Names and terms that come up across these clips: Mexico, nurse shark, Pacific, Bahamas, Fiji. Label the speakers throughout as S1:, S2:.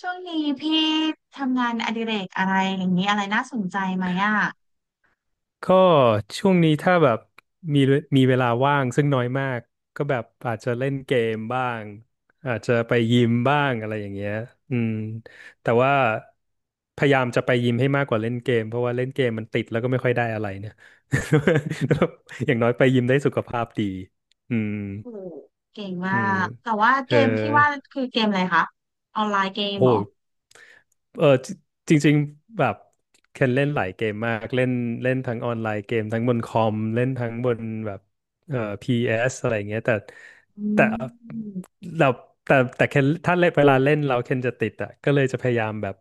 S1: ช่วงนี้พี่ทำงานอดิเรกอะไรอย่างนี้อะไรน่าสนใจไหมอ่ะ
S2: ก็ช่วงนี้ถ้าแบบมีมีเวลาว่างซึ่งน้อยมากก็แบบอาจจะเล่นเกมบ้างอาจจะไปยิมบ้างอะไรอย่างเงี้ยอืมแต่ว่าพยายามจะไปยิมให้มากกว่าเล่นเกมเพราะว่าเล่นเกมมันติดแล้วก็ไม่ค่อยได้อะไรเนี่ย อย่างน้อยไปยิมได้สุขภาพดีอืม
S1: โอ้โหเก่งมา
S2: อืม
S1: กแต่ว่า
S2: เอ
S1: เก
S2: อ
S1: มที่ว่าคือเกมอะไรคะออนไลน์เกม
S2: โอ้
S1: เหรอ
S2: โหเออจจริงๆแบบเคนเล่นหลายเกมมากเล่นเล่นทั้งออนไลน์เกมทั้งบนคอมเล่นทั้งบนแบบพีเอสอะไรอย่างเงี้ยแต่
S1: อื
S2: แต่
S1: ม
S2: เราแต่เคนถ้าเล่นเวลาเล่นเราเคนจะติดอ่ะก็เลยจะพยายามแบบ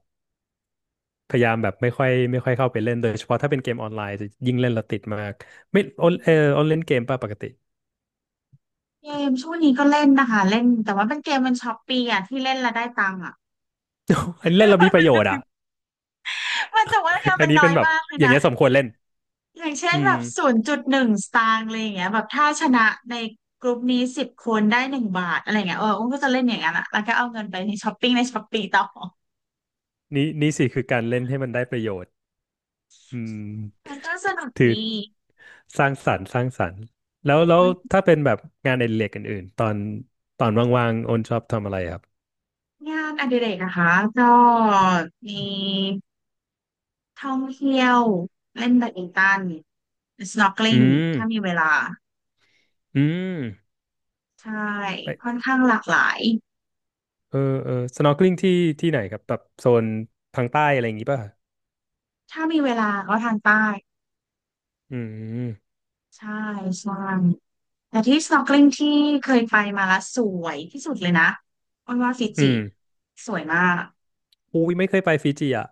S2: พยายามแบบไม่ค่อยเข้าไปเล่นโดยเฉพาะถ้าเป็นเกมออนไลน์จะยิ่งเล่นเราติดมากไม่ออนออนเล่นเกมป่ะปกติ
S1: เกมช่วงนี้ก็เล่นนะคะเล่นแต่ว่าเป็นเกมมันช้อปปี้อ่ะที่เล่นแล้วได้ตังค์อ่ะ
S2: อันนเล่นเรามีประโยชน์อ่ะ
S1: มันแต่ว่างาน
S2: อั
S1: มั
S2: น
S1: น
S2: นี้
S1: น้อ
S2: เป็น
S1: ย
S2: แบบ
S1: มากเลย
S2: อย่าง
S1: นะ
S2: เงี้ยสมควรเล่น
S1: อย่างเช่น
S2: อื
S1: แบ
S2: ม
S1: บ0.1 สตางค์อะไรอย่างเงี้ยแบบถ้าชนะในกลุ่มนี้10 คนได้1 บาทอะไรอย่างเงี้ยเอออุ้มก็จะเล่นอย่างนั้นอะแล้วก็เอาเงินไปในช้อปปิ้งในช้อปปี้ต่อ
S2: นี่สิคือการเล่นให้มันได้ประโยชน์ อื
S1: มัน
S2: ม
S1: ก็สนุก
S2: ถือ
S1: ดี
S2: สร้างสรรค์แล้ว
S1: เว้ย
S2: ถ้าเป็นแบบงานอดิเรกอื่นๆตอนว่างๆโอนชอบทำอะไรครับ
S1: งานอดิเรกนะคะก็มีท่องเที่ยวเล่นแบดมินตัน
S2: อื
S1: snorkeling
S2: ม
S1: ถ้ามีเวลา
S2: อืม
S1: ใช่ค่อ
S2: ไป
S1: นข้างหลากหลาย
S2: เออเออ snorkeling ที่ที่ไหนครับแบบโซนทางใต้อะไรอย่างงี้ป่ะ
S1: ถ้ามีเวลาก็ทางใต้
S2: อืม
S1: ใช่ใช่แต่ที่ snorkeling ที่เคยไปมาแล้วสวยที่สุดเลยนะอ้อนว่าฟิ
S2: อื
S1: จิ
S2: ม
S1: สวยมาก
S2: อุ้ยไม่เคยไปฟิจิอ่ะ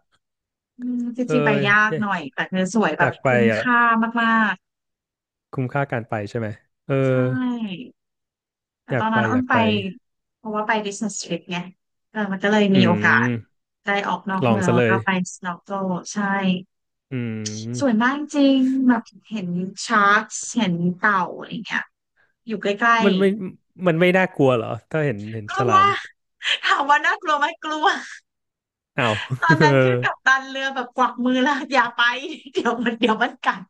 S1: อืมฟิ
S2: เออ
S1: จิไปยาก
S2: อยา
S1: ห
S2: ก
S1: น่อย แต่คือสวยแบ
S2: อยา
S1: บ
S2: กไป
S1: คุ้ม
S2: อ่ะ
S1: ค่ามาก
S2: คุ้มค่าการไปใช่ไหมเออ
S1: ๆใช่ แต่
S2: อ
S1: ต
S2: ยา
S1: อ
S2: ก
S1: น
S2: ไป
S1: นั้นอ้
S2: อ
S1: น
S2: ยาก
S1: ไป
S2: ไป
S1: เพราะว่าไป business trip ไงเออมันก็เลย
S2: อื
S1: มีโอกาส
S2: ม
S1: ได้ออกนอก
S2: ลอง
S1: เมือง
S2: ซะ
S1: แล้
S2: เล
S1: วก็
S2: ย
S1: ไป snorkel ใช่
S2: อื
S1: สวย
S2: ม
S1: มากจริงแบบเห็นชาร์กเห็นเต่าอะไรเงี้ยอยู่ใกล้
S2: มันไม่น่ากลัวเหรอถ้าเห็น
S1: ๆก
S2: ฉ
S1: ลัว
S2: ลาม
S1: ถามว่าน่ากลัวไหมกลัว
S2: อ้าว
S1: ตอน
S2: เออ
S1: นั้นคือกัปตันเรือแบบกวักมือแล้วอย่าไปเดี๋ยวมัน เดี๋ยวมันกัด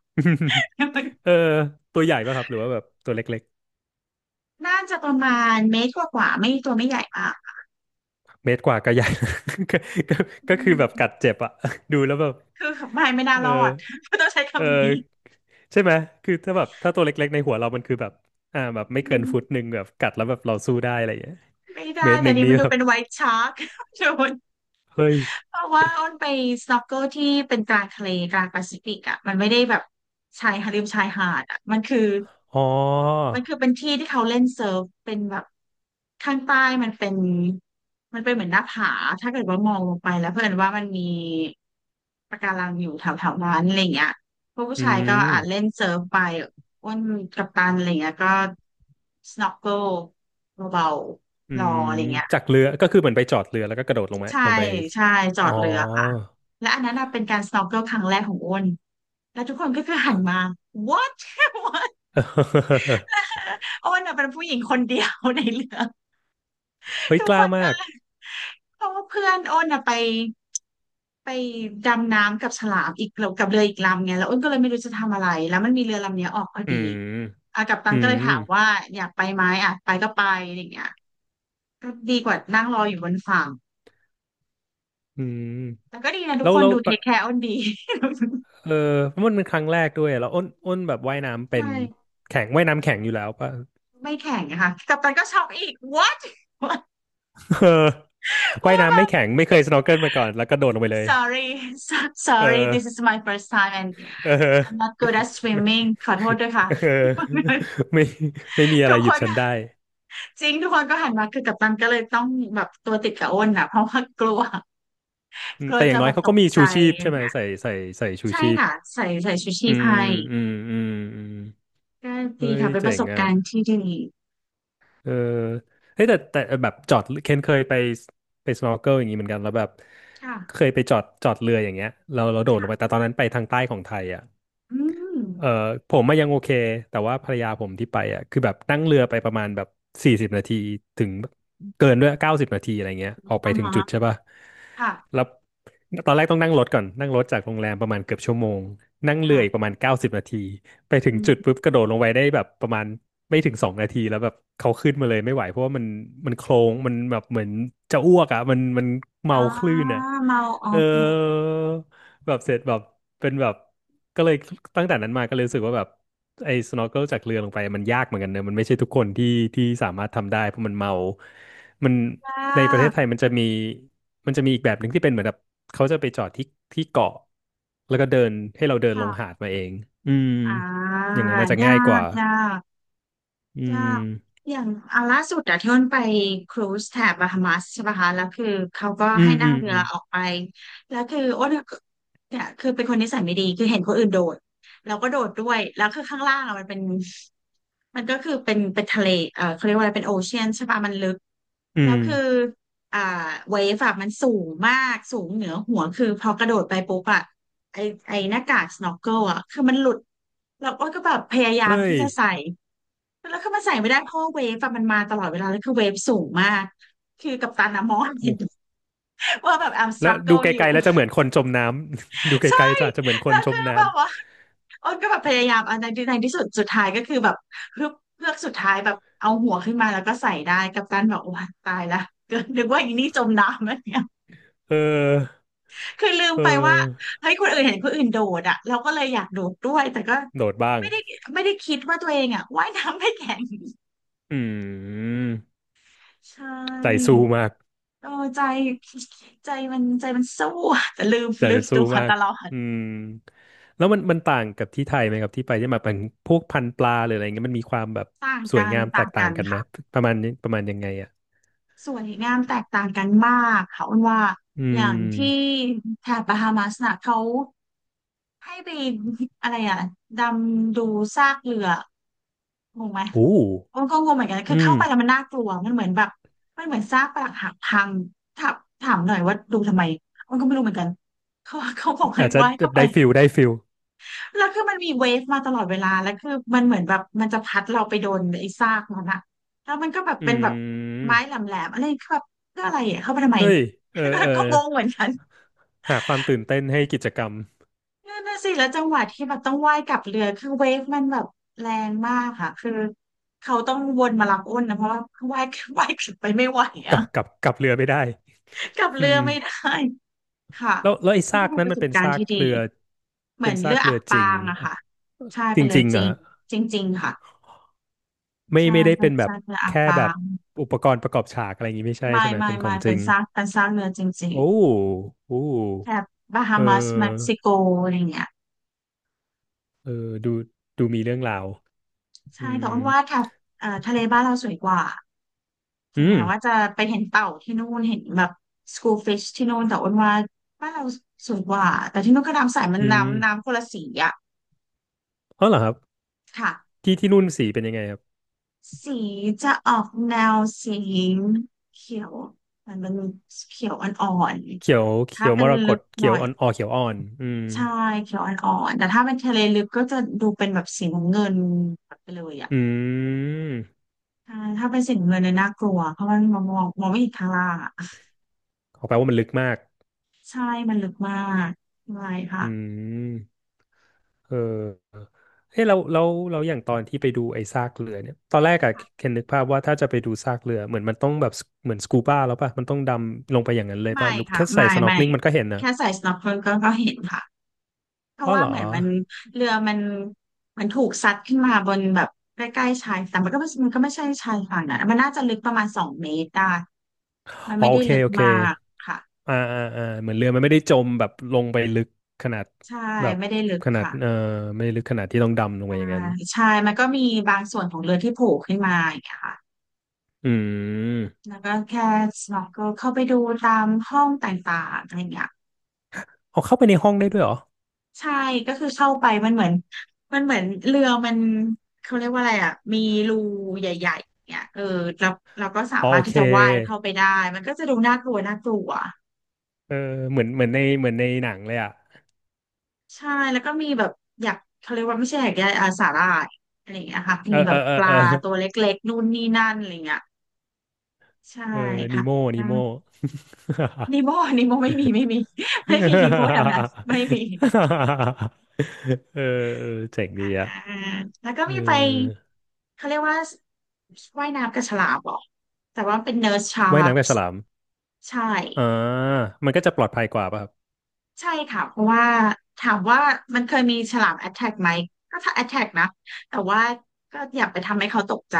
S2: เออตัวใหญ่ป่ะครับหรือว่าแบบตัวเล็ก
S1: น่าจะประมาณเมตรกว่าๆไม่ตัวไม่ใหญ่มาก
S2: ๆเมตรกว่าก็ใหญ่ ก็ก็
S1: อื
S2: ก็คือแบบกัด
S1: ม
S2: เจ็บอะ ดูแล้วแบบ
S1: คือไม่น่า
S2: เอ
S1: รอ
S2: อ
S1: ด ต้องใช้
S2: เอ
S1: คำนี้
S2: อใช่ไหมคือถ้าแบบถ้าตัวเล็กๆในหัวเรามันคือแบบแบบไม่
S1: อื
S2: เกิน
S1: ม
S2: 1 ฟุตแบบกัดแล้วแบบเราสู้ได้อะไรอย่างเงี้ย
S1: ไม่
S2: เม
S1: ได้
S2: ตรห
S1: แต่
S2: นึ่ง
S1: นี่
S2: นี่
S1: มันดู
S2: แบบ
S1: เป็นไวท์ชาร์ก โดน
S2: เฮ้ย
S1: เพราะว่าอ้นไปสน็อกเกิลที่เป็นกลางทะเลกลางแปซิฟิกอ่ะมันไม่ได้แบบชายหาดริมชายหาดอ่ะมันคือ
S2: อ๋อ
S1: มันคือเป็นที่ที่เขาเล่นเซิร์ฟเป็นแบบข้างใต้มันเป็นมันเป็นเหมือนหน้าผาถ้าเกิดว่ามองลงไปแล้วเพื่อนว่ามันมีปะการังอยู่แถวแถวนั้นอะไรเงี้ยพวกผู้
S2: อื
S1: ชายก็
S2: ม
S1: อาจเล่นเซิร์ฟไปอ้วนกัปตันอะไรเงี้ยก็สโนว์ l เบา
S2: อื
S1: ๆรอ
S2: ม
S1: อะไรเงี้ย
S2: จากเรือก็คือเหมือนไปจอดเรือแล้วก็กระโดดลงมา
S1: ใช่
S2: ลงไป
S1: ใช่จอ
S2: อ๋อ
S1: ดเรือค่ะและอันนั้นน่ะเป็นการ snorkel ครั้งแรกของอ้นแล้วทุกคนก็คือหันมา what what อ้นน่ะเป็นผู้หญิงคนเดียวในเรือ
S2: เฮ้ย
S1: ทุก
S2: ก
S1: ค
S2: ล้า
S1: น
S2: มา
S1: ก็
S2: ก
S1: เพราะว่าเพื่อนอ้นน่ะไปดำน้ำกับฉลามอีกกับเรืออีกลำไงแล้วอ้นก็เลยไม่รู้จะทำอะไรแล้วมันมีเรือลำเนี้ยออกพอ
S2: อื
S1: ดี
S2: ม
S1: อ่ะกัปตั
S2: อื
S1: นก็เลย
S2: ม
S1: ถามว่าอยากไปไหมอ่ะไปก็ไปอะไรอย่างเงี้ยก็ดีกว่านั่งรออยู่บนฝั่ง
S2: อืม
S1: แต่ก็ดีนะทุก
S2: แล้ว
S1: คน
S2: แล้ว
S1: ดูเท
S2: ปะ
S1: คแคร์อ้นดี
S2: เออเพราะมันเป็นครั้งแรกด้วยแล้วอ้นแบบว่าย น้ำเป็
S1: ใช่
S2: นแข็งว่ายน้ำแข็งอยู่แล้วป่ะ
S1: ไม่แข็งนะคะกัปตันก็ช็อกอีก what
S2: เออว่าย
S1: ว่าแบ
S2: น้ำไม่
S1: บ
S2: แข็งไม่เคยสโนว์เกิลมาก่อนแล้วก็โดดลงไปเลย
S1: sorry
S2: เออ
S1: sorry this is my first time and
S2: เออ
S1: I'm not good at
S2: ไม่
S1: swimming ขอโทษด้วยค่ะ
S2: เออ ไม่ไม่มีอะ
S1: ทุ
S2: ไร
S1: ก
S2: ห
S1: ค
S2: ยุด
S1: น
S2: ฉันได้
S1: ค่ะจริงทุกคนก็หันมาคือกัปตันก็เลยต้องแบบตัวติดกับอ้นอ่ะเพราะว่ากลัว
S2: อื
S1: ก
S2: ม
S1: ลัว
S2: แต่อ
S1: จะ
S2: ย่างน้อ
S1: แบ
S2: ย
S1: บ
S2: เขา
S1: ต
S2: ก็
S1: ก
S2: มี
S1: ใจ
S2: ชูชีพ
S1: อะไร
S2: ใช่ไหม
S1: เงี้ย
S2: ใส่ชู
S1: ใช่
S2: ชีพ
S1: ค่ะใส่ชูชี
S2: อื
S1: พ
S2: ม
S1: ให้
S2: อืมอืมอืม
S1: ก็ดี
S2: เฮ้ย
S1: ค่ะเป็นป
S2: เจ๋
S1: ระส
S2: ง
S1: บ
S2: อ่ะ
S1: การณ์ที่ดี
S2: เออเฮ้ยแต่แบบจอดเคนเคยไปสโนว์เกิลอย่างนี้เหมือนกันแล้วแบบเค
S1: ค่ะ
S2: ยไปจอดเรืออย่างเงี้ยเราโดดลงไปแต่ตอนนั้นไปทางใต้ของไทยอ่ะ
S1: อืม
S2: เอ่อผมมายังโอเคแต่ว่าภรรยาผมที่ไปอ่ะคือแบบนั่งเรือไปประมาณแบบ40 นาทีถึงเกินด้วยเก้าสิบนาทีอะไรเงี้ยออกไป
S1: อ่า
S2: ถึงจุ
S1: ฮะ
S2: ดใช่ป่ะ
S1: ค่ะ
S2: แล้วตอนแรกต้องนั่งรถก่อนนั่งรถจากโรงแรมประมาณเกือบชั่วโมงนั่งเรืออีกป
S1: ค่ะ
S2: ระมาณเก้าสิบนาทีไปถึง
S1: อื
S2: จุด
S1: ม
S2: ปุ๊บกระโดดลงไปได้แบบประมาณไม่ถึง2 นาทีแล้วแบบเขาขึ้นมาเลยไม่ไหวเพราะว่ามันโคลงมันแบบเหมือนจะอ้วกอ่ะมัน
S1: อ่า
S2: เมาคลื่นอ่ะ
S1: เมาโอ
S2: เออ
S1: เค
S2: แบบเสร็จแบบเป็นแบบก็เลยตั้งแต่นั้นมาก็เลยรู้สึกว่าแบบไอ้ snorkel จากเรือลงไปมันยากเหมือนกันเนอะมันไม่ใช่ทุกคนที่สามารถทำได้เพราะมันเมามันในประเทศไทยมันจะมีอีกแบบหนึ่งที่เป็นเหมือนแบบเขาจะไปจอดที่เกาะแล้วก็เดินให้เราเดินลงหา
S1: ค่ะ
S2: ดมาเองอืม
S1: อ่า
S2: อย่างนั้น
S1: ยา
S2: อา
S1: ก
S2: จจะ
S1: ยา
S2: ง่ายกว่า
S1: ก
S2: อื
S1: ยา
S2: ม
S1: กอย่างอันล่าสุดอะที่อ้นไปครูซแถบบาฮามัสใช่ปะคะแล้วคือเขาก็
S2: อื
S1: ให้
S2: ม
S1: นั่
S2: อื
S1: ง
S2: ม
S1: เรื
S2: อื
S1: อ
S2: ม
S1: ออกไป แล้วคืออ้นอะเนี่ยคือเป็นคนนิสัยไม่ดีคือเห็นคนอื่นโดดเราก็โดดด้วย แล้วคือข้างล่างอะมันเป็น มันก็คือเป็นทะเลเออเขาเรียกว่าอะไรเป็นโอเชียนใช่ปะมันลึก
S2: อื
S1: แล้ว
S2: ม
S1: คืออ่าเวฟอะมันสูงมาก สูงเหนือหัวคือพอกระโดดไปปุ๊บอะไอไอหน้ากากสโนว์เกิลอะคือมันหลุดแล้วอ้อยก็แบบพยายาม
S2: เฮ้
S1: ที่
S2: ย
S1: จะใส่ แล้วคือมันใส่ไม่ได้เพราะว่าเวฟอะมันมาตลอดเวลา แล้วคือเวฟสูงมาก คือกัปตันอะมอง
S2: โอ
S1: เห็น
S2: ้
S1: ว่าแบบ I'm
S2: แล้วดู
S1: struggle
S2: ไก
S1: อยู่
S2: ลๆแล้วจะเหมือนคนจมน้ำ ดู ไก
S1: ใช่
S2: ลๆจะอาจจะเหมือนค
S1: แล้
S2: น
S1: ว
S2: จ
S1: คื
S2: ม
S1: อ
S2: น้
S1: แบบว่า อ้นก็แบบพยายามอันในที่สุดสุดท้ายก็คือแบบเพือกสุดท้ายแบบเอาหัวขึ้นมาแล้วก็ใส่ได้กัปตันแบบโอ้ยตายละ เก็นึกว่าอีนี่จมน้ำอะไรเงี้ย
S2: ำเออ
S1: คือลืม
S2: เอ
S1: ไปว่า
S2: อ
S1: เฮ้ยคนอื่นเห็นคนอื่นโดดอ่ะเราก็เลยอยากโดดด้วยแต่ก็
S2: โดดบ้าง
S1: ไม่ได้ไม่ได้คิดว่าตัวเองอ่ะว่ายน้ำไม่แข็ง
S2: อืม
S1: ใช่
S2: ใจสู้มาก
S1: โอ้ใจใจมันใจมันสู้แต่ลืม
S2: ใจ
S1: ลื
S2: เป็
S1: ม
S2: นสู้
S1: ตัว
S2: มา
S1: ต
S2: ก
S1: ลอด
S2: อืมแล้วมันต่างกับที่ไทยไหมครับที่ไปที่มาเป็นพวกพันธุ์ปลาหรืออะไรเงี้ยมันมีความแบบ
S1: ต่าง
S2: สวย
S1: กัน
S2: งามแต
S1: ต่าง
S2: กต่า
S1: กั
S2: ง
S1: น
S2: กันไหม
S1: ค่ะ
S2: ประมาณนี้ประมาณยังไงอ่ะ
S1: สวยงามแตกต่างกันมากค่ะอ้นว่า
S2: อื
S1: อย่างที่
S2: ม
S1: แถบบาฮามาสน่ะเขาให้ไปอะไรอ่ะดำดูซากเรืองงไหม
S2: โอ้
S1: อ้นก็งงเหมือนกันคื
S2: อื
S1: อ
S2: ม
S1: เข้าไปแล้วมันน่ากลัวมันเหมือนแบบมันเหมือนซากปรักหักพังถามถามหน่อยว่าดูทำไมอ้นก็ไม่รู้เหมือนกันเขาบอกให้
S2: อาจจะ
S1: ว่าให้
S2: แบ
S1: เข้า
S2: บ
S1: ไป
S2: ได้ฟิล
S1: แล้วคือมันมีเวฟมาตลอดเวลาแล้วคือมันเหมือนแบบมันจะพัดเราไปโดนไอ้ซากมันอะแล้วมันก็แบบ
S2: อื
S1: เป็นแบบไม้แห
S2: ม
S1: ลมๆอะไรคือแบบเพื่ออะไรอะเข้าไปทำไม
S2: เฮ้ยเออเออ
S1: ก็งงเหมือนกัน
S2: หาความตื่นเต้นให้กิจกรรม
S1: นั่นน่ะสิแล้วจังหวะที่แบบต้องว่ายกลับเรือคือเวฟมันแบบแรงมากค่ะคือเขาต้องวนมารับอ้นนะเพราะว่าว่าย ว่ายกลับไปไม่ไหวอะ
S2: กับเรือไม่ได้
S1: กลับ
S2: อื
S1: เรือ
S2: ม
S1: ไม่ได้ค่ะ
S2: แล้วไอ้
S1: ัน
S2: ซา
S1: ก็
S2: ก
S1: เป็น
S2: นั้
S1: ป
S2: น
S1: ระ
S2: มั
S1: ส
S2: น
S1: บ
S2: เป็น
S1: การ
S2: ซา
S1: ณ์
S2: ก
S1: ที่ดี
S2: เรือ
S1: เหมื
S2: เป็
S1: อ
S2: น
S1: น
S2: ซา
S1: เรื
S2: ก
S1: อ
S2: เรื
S1: อั
S2: อ
S1: บ
S2: จ
S1: ปา
S2: ริง
S1: งอะค่ะใช่
S2: จ
S1: เป็นเรือ
S2: ริง
S1: จ
S2: ๆ
S1: ริ
S2: อะ
S1: งจริงๆค่ะ
S2: ไม่
S1: ใช่
S2: ไม่ได้
S1: เป็
S2: เป็
S1: น
S2: นแบบ
S1: ซากเรืออับ
S2: แค่
S1: ปา
S2: แบบ
S1: ง
S2: อุปกรณ์ประกอบฉากอะไรอย่างงี้ไม่ใช่
S1: ไม่
S2: ใช่ไหม
S1: ไม่
S2: เป็นขอ
S1: ไม่
S2: งจ
S1: เป็
S2: ริ
S1: น
S2: ง
S1: ซากเป็นซากเรือจริง
S2: โอ้โอ้
S1: ๆแถบบา
S2: เ
S1: ฮามัสเม็ก
S2: ออ
S1: ซิโกอะไรเงี้ย
S2: เออดูดูมีเรื่องราว
S1: ใช่
S2: อื
S1: แต่อ้
S2: ม
S1: นว่าแถบทะเลบ้านเราสวยกว่าถึ
S2: อื
S1: ง
S2: ม
S1: แม้ว่าจะไปเห็นเต่าที่นู่นเห็นแบบสกูฟิชที่นู่นแต่อ้นว่าบ้านเราสวยกว่าแต่ที่นู่นก็น้ำใสมัน
S2: อื
S1: น้ำน้ำ
S2: ม
S1: คนละสีอะ
S2: อ๋อเหรอครับ
S1: ค่ะ
S2: ที่นู่นสีเป็นยังไงครับ
S1: สีจะออกแนวสีเขียวมันเป็นเขียวอ่อน
S2: เขียว
S1: ๆถ้า
S2: เขียว
S1: เป็
S2: ม
S1: น
S2: รก
S1: ลึ
S2: ต
S1: กห
S2: เขี
S1: น่
S2: ยว
S1: อย
S2: อ่อนอ๋อเขียวอ่อนอืม
S1: ใช่เขียวอ่อนๆแต่ถ้าเป็นทะเลลึกก็จะดูเป็นแบบสีน้ำเงินแบบไปเลยอ่ะ
S2: อืม
S1: ใช่ถ้าเป็นสีน้ำเงินเนี่ยน่ากลัวเพราะมันมองไม่เห็นข้างล่างอะ
S2: ขอแปลว่ามันลึกมาก
S1: ใช่มันลึกมากไม่ค่ะ
S2: อืม เออเฮ้ยเราอย่างตอนที่ไปดูไอ้ซากเรือเนี่ยตอนแรกอะเคนนึกภาพว่าถ้าจะไปดูซากเรือเหมือนมันต้องแบบเหมือนสกูบ้าแล้วป่ะมันต้องดำลงไปอย่างนั้นเลย
S1: ไม่
S2: ป่ะหรือ
S1: ค่ะ
S2: แค่ใส่
S1: ไม่
S2: สน็อก
S1: ไม่
S2: ลิงมันก็เห็นนะ
S1: แค่ใส่ snorkel ก็ก็เห็นค่ะเพ
S2: อ๋อ
S1: ราะว่า
S2: เหรอ
S1: เหมือนเรือมันถูกซัดขึ้นมาบนแบบใกล้ๆชายแต่งมันก็ไม่มันก็ไม่ใช่ชายฝั่งนะมันน่าจะลึกประมาณสองเมตรได้มัน
S2: อ๋อ
S1: ไม่
S2: โอ
S1: ได้
S2: เค
S1: ลึก
S2: โอเค
S1: มากค่ะ
S2: เหมือนเรือมันไม่ได้จมแบบลงไปลึกขนาด
S1: ใช่
S2: แบบ
S1: ไม่ได้ลึก
S2: ขนาด
S1: ค่ะ
S2: ไม่ได้ลึกขนาดที่ต้องดำลงไป
S1: อ่า
S2: อย่างนั้น
S1: ใช่มันก็มีบางส่วนของเรือที่โผล่ขึ้นมาอย่างเงี้ยค่ะ
S2: อืม
S1: แล้วก็แค่ snorkel เข้าไปดูตามห้องต่างๆอะไรเงี้ย
S2: เอาเข้าไปในห้องได้ด้วยเหรอ
S1: ใช่ก็คือเข้าไปมันเหมือนเรือมันเขาเรียกว่าอะไรอ่ะมีรูใหญ่ๆเนี่ยเออแล้วเราก็สา
S2: อ๋อ
S1: มาร
S2: โอ
S1: ถที่
S2: เค
S1: จะว่ายเข้าไปได้มันก็จะดูน่ากลัวน่ากลัว
S2: เออเหมือนในเหมือนในหนังเลยอ่ะ
S1: ใช่แล้วก็มีแบบอยากเขาเรียกว่าไม่ใช่อยากได้อาสาหร่ายอะไรอย่างเงี้ยค่ะ
S2: เอ
S1: มี
S2: อ
S1: แบ
S2: เออ
S1: บ
S2: เออ
S1: ปลา
S2: เออ
S1: ตัวเล็กๆนู่นนี่นั่นอะไรเงี้ยใช่
S2: เออนี
S1: ค่ะ
S2: โมนีโม
S1: นิโมนิโม ไม่มี ไม่มีนิโมแถวนั้นไม่มี
S2: เออเออเจ๋งดี
S1: อ่า
S2: อะ
S1: แล้วก็
S2: เออ
S1: มีไปเขาเรียกว่าว่ายน้ำกับฉลามเหรอแต่ว่าเป็นเนิร์สชา
S2: ว่าย
S1: ร์ก
S2: น้ำกับฉลาม
S1: ใช่
S2: อ่ามันก็จะปลอดภัยกว่าป่ะครับ
S1: ใช่ค่ะเพราะว่าถามว่ามันเคยมีฉลามแอทแทกไหมก็ถ้าแอทแทกนะแต่ว่าก็อยาไปทำให้เขาตกใจ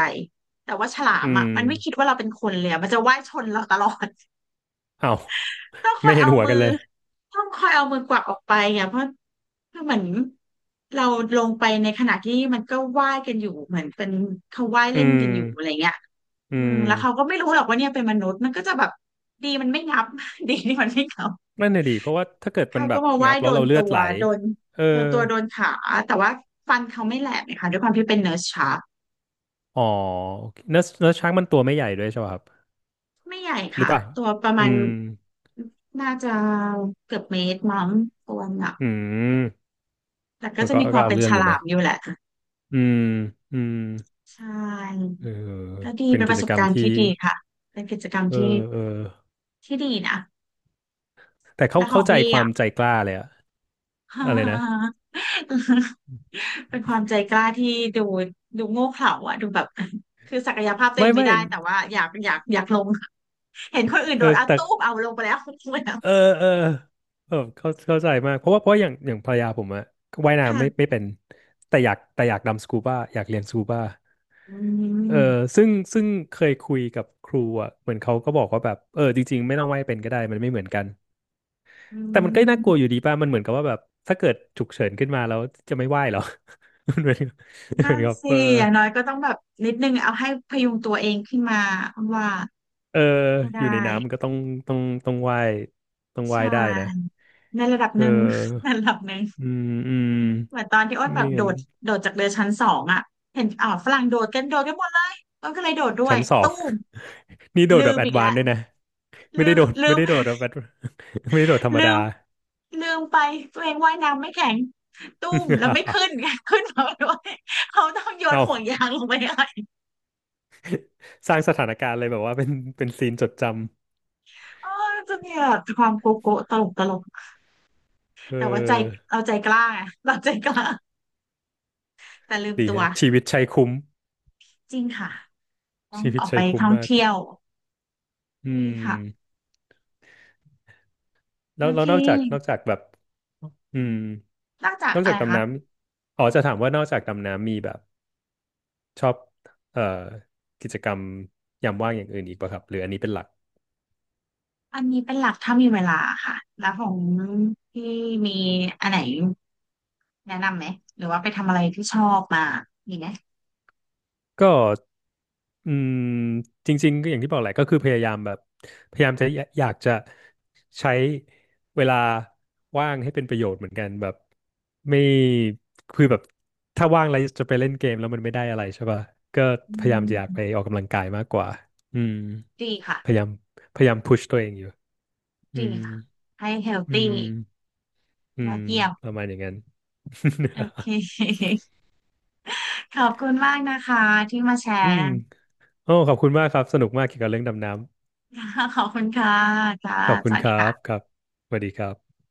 S1: แต่ว่าฉลา
S2: อื
S1: มอ่ะ
S2: ม
S1: มันไม่คิดว่าเราเป็นคนเลยอะมันจะว่ายชนเราตลอด
S2: อ้าว
S1: ต้องคอ
S2: ไม่
S1: ย
S2: เห็น
S1: เอา
S2: หัว
S1: มื
S2: กั
S1: อ
S2: นเลย
S1: ต้องคอยเอามือกวักออกไปอ่ะเพราะเหมือนเราลงไปในขณะที่มันก็ว่ายกันอยู่เหมือนเป็นเขาว่าย
S2: อื
S1: เล่น
S2: ม
S1: กันอยู่อะไรเงี้ย
S2: อื
S1: อืม
S2: ม
S1: แล้วเขาก็ไม่รู้หรอกว่าเนี่ยเป็นมนุษย์มันก็จะแบบดีมันไม่งับ ดีที่มันไม่งับ
S2: นั่นน่ะดี เพราะว่าถ้าเกิดมั
S1: เขา
S2: นแบ
S1: ก็
S2: บ
S1: มาว่า
S2: งั
S1: ย
S2: บแล้
S1: โด
S2: ว
S1: น
S2: เราเลือ
S1: ตั
S2: ด
S1: ว
S2: ไหล
S1: โดน
S2: เออ
S1: โดนตัวโดนขาแต่ว่าฟันเขาไม่แหลกเลยค่ะด้วยความที่เป็นเนิร์สชาร์ก
S2: อ๋อโอเคเนื้อช้างมันตัวไม่ใหญ่ด้วยใช่ป่ะครับ
S1: ไม่ใหญ่
S2: หรือ
S1: ค่ะ
S2: เปล่า
S1: ตัวประ
S2: อื
S1: มาณ
S2: ม
S1: น่าจะเกือบเมตรมั้งตัวหนัก
S2: อืม
S1: แต่ก็
S2: ก็
S1: จะ
S2: ก็
S1: มีค
S2: ก็
S1: วาม
S2: เอา
S1: เป็น
S2: เรื่อ
S1: ฉ
S2: งอยู่
S1: ลา
S2: นะ
S1: มอยู่แหละ
S2: อืมอืม
S1: ใช่
S2: เออ
S1: ก็ดี
S2: เป็น
S1: เป็นป
S2: กิ
S1: ระ
S2: จ
S1: ส
S2: ก
S1: บ
S2: รรม
S1: การณ์ที่
S2: ที่
S1: ดีค่ะเป็นกิจกรรม
S2: เอ
S1: ที่
S2: อเออ
S1: ที่ดีนะ
S2: แต่เขา
S1: แล้วขอ
S2: เข้า
S1: ง
S2: ใจ
S1: พี่
S2: ควา
S1: อ่ะ
S2: มใจกล้าเลยอะอะไรนะ
S1: เป็นความใจกล้าที่ดูดูโง่เขลาอ่ะดูแบบคือศักยภาพตัวเอ
S2: ไม่
S1: งไม่
S2: ไม่
S1: ได้แต่ว่าอยากลงเห็นคนอื่น
S2: เอ
S1: โดด
S2: อ
S1: อ่ะ
S2: แต่
S1: ตู้มเอาลงไปแล้ว ลงไปแล้ว
S2: เออเออเออเข้าใจมากเพราะว่าเพราะอย่างภรรยาผมอะว่ายน้ำไม่
S1: ค่ะ
S2: ไม่เป็นแต่อยากดำสกูบ้าอยากเรียนสกูบ้า
S1: อื
S2: เออ
S1: ม
S2: ซึ่งเคยคุยกับครูอะเหมือนเขาก็บอกว่าแบบเออจริงๆไม่ต้องว่ายเป็นก็ได้มันไม่เหมือนกัน
S1: อื
S2: แต่มันก็น่ากลัวอ
S1: ม
S2: ยู่ดีป่ะมันเหมือนกับว่าแบบถ้าเกิดฉุกเฉินขึ้นมาแล้วจะไม่ว่ายเหรอ มันเหมือนกับเห
S1: นั่
S2: มือน
S1: น
S2: กับ
S1: สิ
S2: เออ
S1: อย่างน้อยก็ต้องแบบนิดนึงเอาให้พยุงตัวเองขึ้นมาว่า
S2: เออ
S1: ให้
S2: อยู่ใน
S1: ได้
S2: น้ำมันก็ต้องต้องต้องว่ายต้อง
S1: ใช
S2: ว่ายได้นะ
S1: ่ในระดับ
S2: เ
S1: หนึ่ง ใน
S2: ออ
S1: ระดับหนึ่ง
S2: อืมอืม
S1: เหมือนตอนที่อ้นแบบ
S2: ไม่
S1: โด
S2: งั้น
S1: ดโดดจากเรือชั้นสองอ่ะเห็นอ่าวฝรั่งโดดกันโดดกันหมดเลยอ้นก็เลยโดดด้วย
S2: ชั้นสอ
S1: ตู้
S2: ง
S1: ม
S2: นี่โดด
S1: ลื
S2: แบบ
S1: ม
S2: แอด
S1: อีก
S2: วาน
S1: แล้
S2: ซ์
S1: ว
S2: ด้วยนะไม่
S1: ลื
S2: ได้
S1: ม
S2: โดด
S1: ลื
S2: ไม่
S1: ม
S2: ได้โดดแบบ advance ไม่ได้โดดธรรม
S1: ลื
S2: ดา
S1: มลืมไปตัวเองว่ายน้ำไม่แข็งตุ้มแล้วไม่ขึ้ น ขึ้นมาด้วยเขาต้องโย
S2: เอ
S1: นห่วงยา
S2: า
S1: งลงไปให้
S2: สร้างสถานการณ์เลยแบบว่าเป็นเป็นซีนจดจ
S1: เออจะมีแบบความโกโก้ตลกตลก
S2: ำเอ
S1: แต่ว่าใจ
S2: อ
S1: เราใจกล้าไงเราใจกล้าแต่ลืม
S2: ดี
S1: ตัว
S2: ฮะชีวิตชัยคุ้ม
S1: จริงค่ะต้อง
S2: ชีวิ
S1: อ
S2: ต
S1: อก
S2: ชั
S1: ไป
S2: ยคุ้ม
S1: ท่อง
S2: มาก
S1: เที่ยว
S2: อื
S1: นี่ค่ะ
S2: ม
S1: โอ
S2: แล้วแล้
S1: เค
S2: วนอกจากนอกจากแบบอืม
S1: นอกจาก
S2: นอก
S1: อะ
S2: จาก
S1: ไร
S2: ดำ
S1: คะ
S2: น้ำอ๋อจะถามว่านอกจากดำน้ำมีแบบ ชอบเอ่อกิจกรรมยามว่างอย่างอื่นอีกป่ะครับหรืออันนี้เป็นหลัก
S1: อันนี้เป็นหลักถ้ามีเวลาค่ะ แล้วของพี่มีอันไหนแนะนำไหม หรือว่าไปทำอะไรที่ชอบมามีไหม
S2: ก็อืมจริงๆก็อย่างที่บอกแหละก็คือพยายามแบบพยายามจะอยอยากจะใช้เวลาว่างให้เป็นประโยชน์เหมือนกันแบบไม่คือแบบถ้าว่างแล้วจะไปเล่นเกมแล้วมันไม่ได้อะไรใช่ป่ะก็
S1: อื
S2: พยายามจะอยากไป
S1: ม
S2: ออกกำลังกายมากกว่าอืม
S1: ดีค่ะ
S2: พยายามพยายามพุชตัวเองอยู่อื
S1: ดี
S2: ม
S1: ค่ะให้เฮล
S2: อื
S1: ตี้
S2: มอื
S1: แล้ว
S2: ม
S1: เกี่ยว
S2: ประมาณอย่างนั้น
S1: โอเค ขอบคุณมากนะคะที่มาแช
S2: อื
S1: ร์
S2: ม โอ้ขอบคุณมากครับสนุกมากเกี่ยวกับเรื่องดำน้
S1: ขอบคุณค่ะค่ะ
S2: ำขอบ
S1: ส
S2: คุณ
S1: วัส
S2: ค
S1: ดี
S2: รับ
S1: ค่ะ
S2: ครับสวัสดีครับ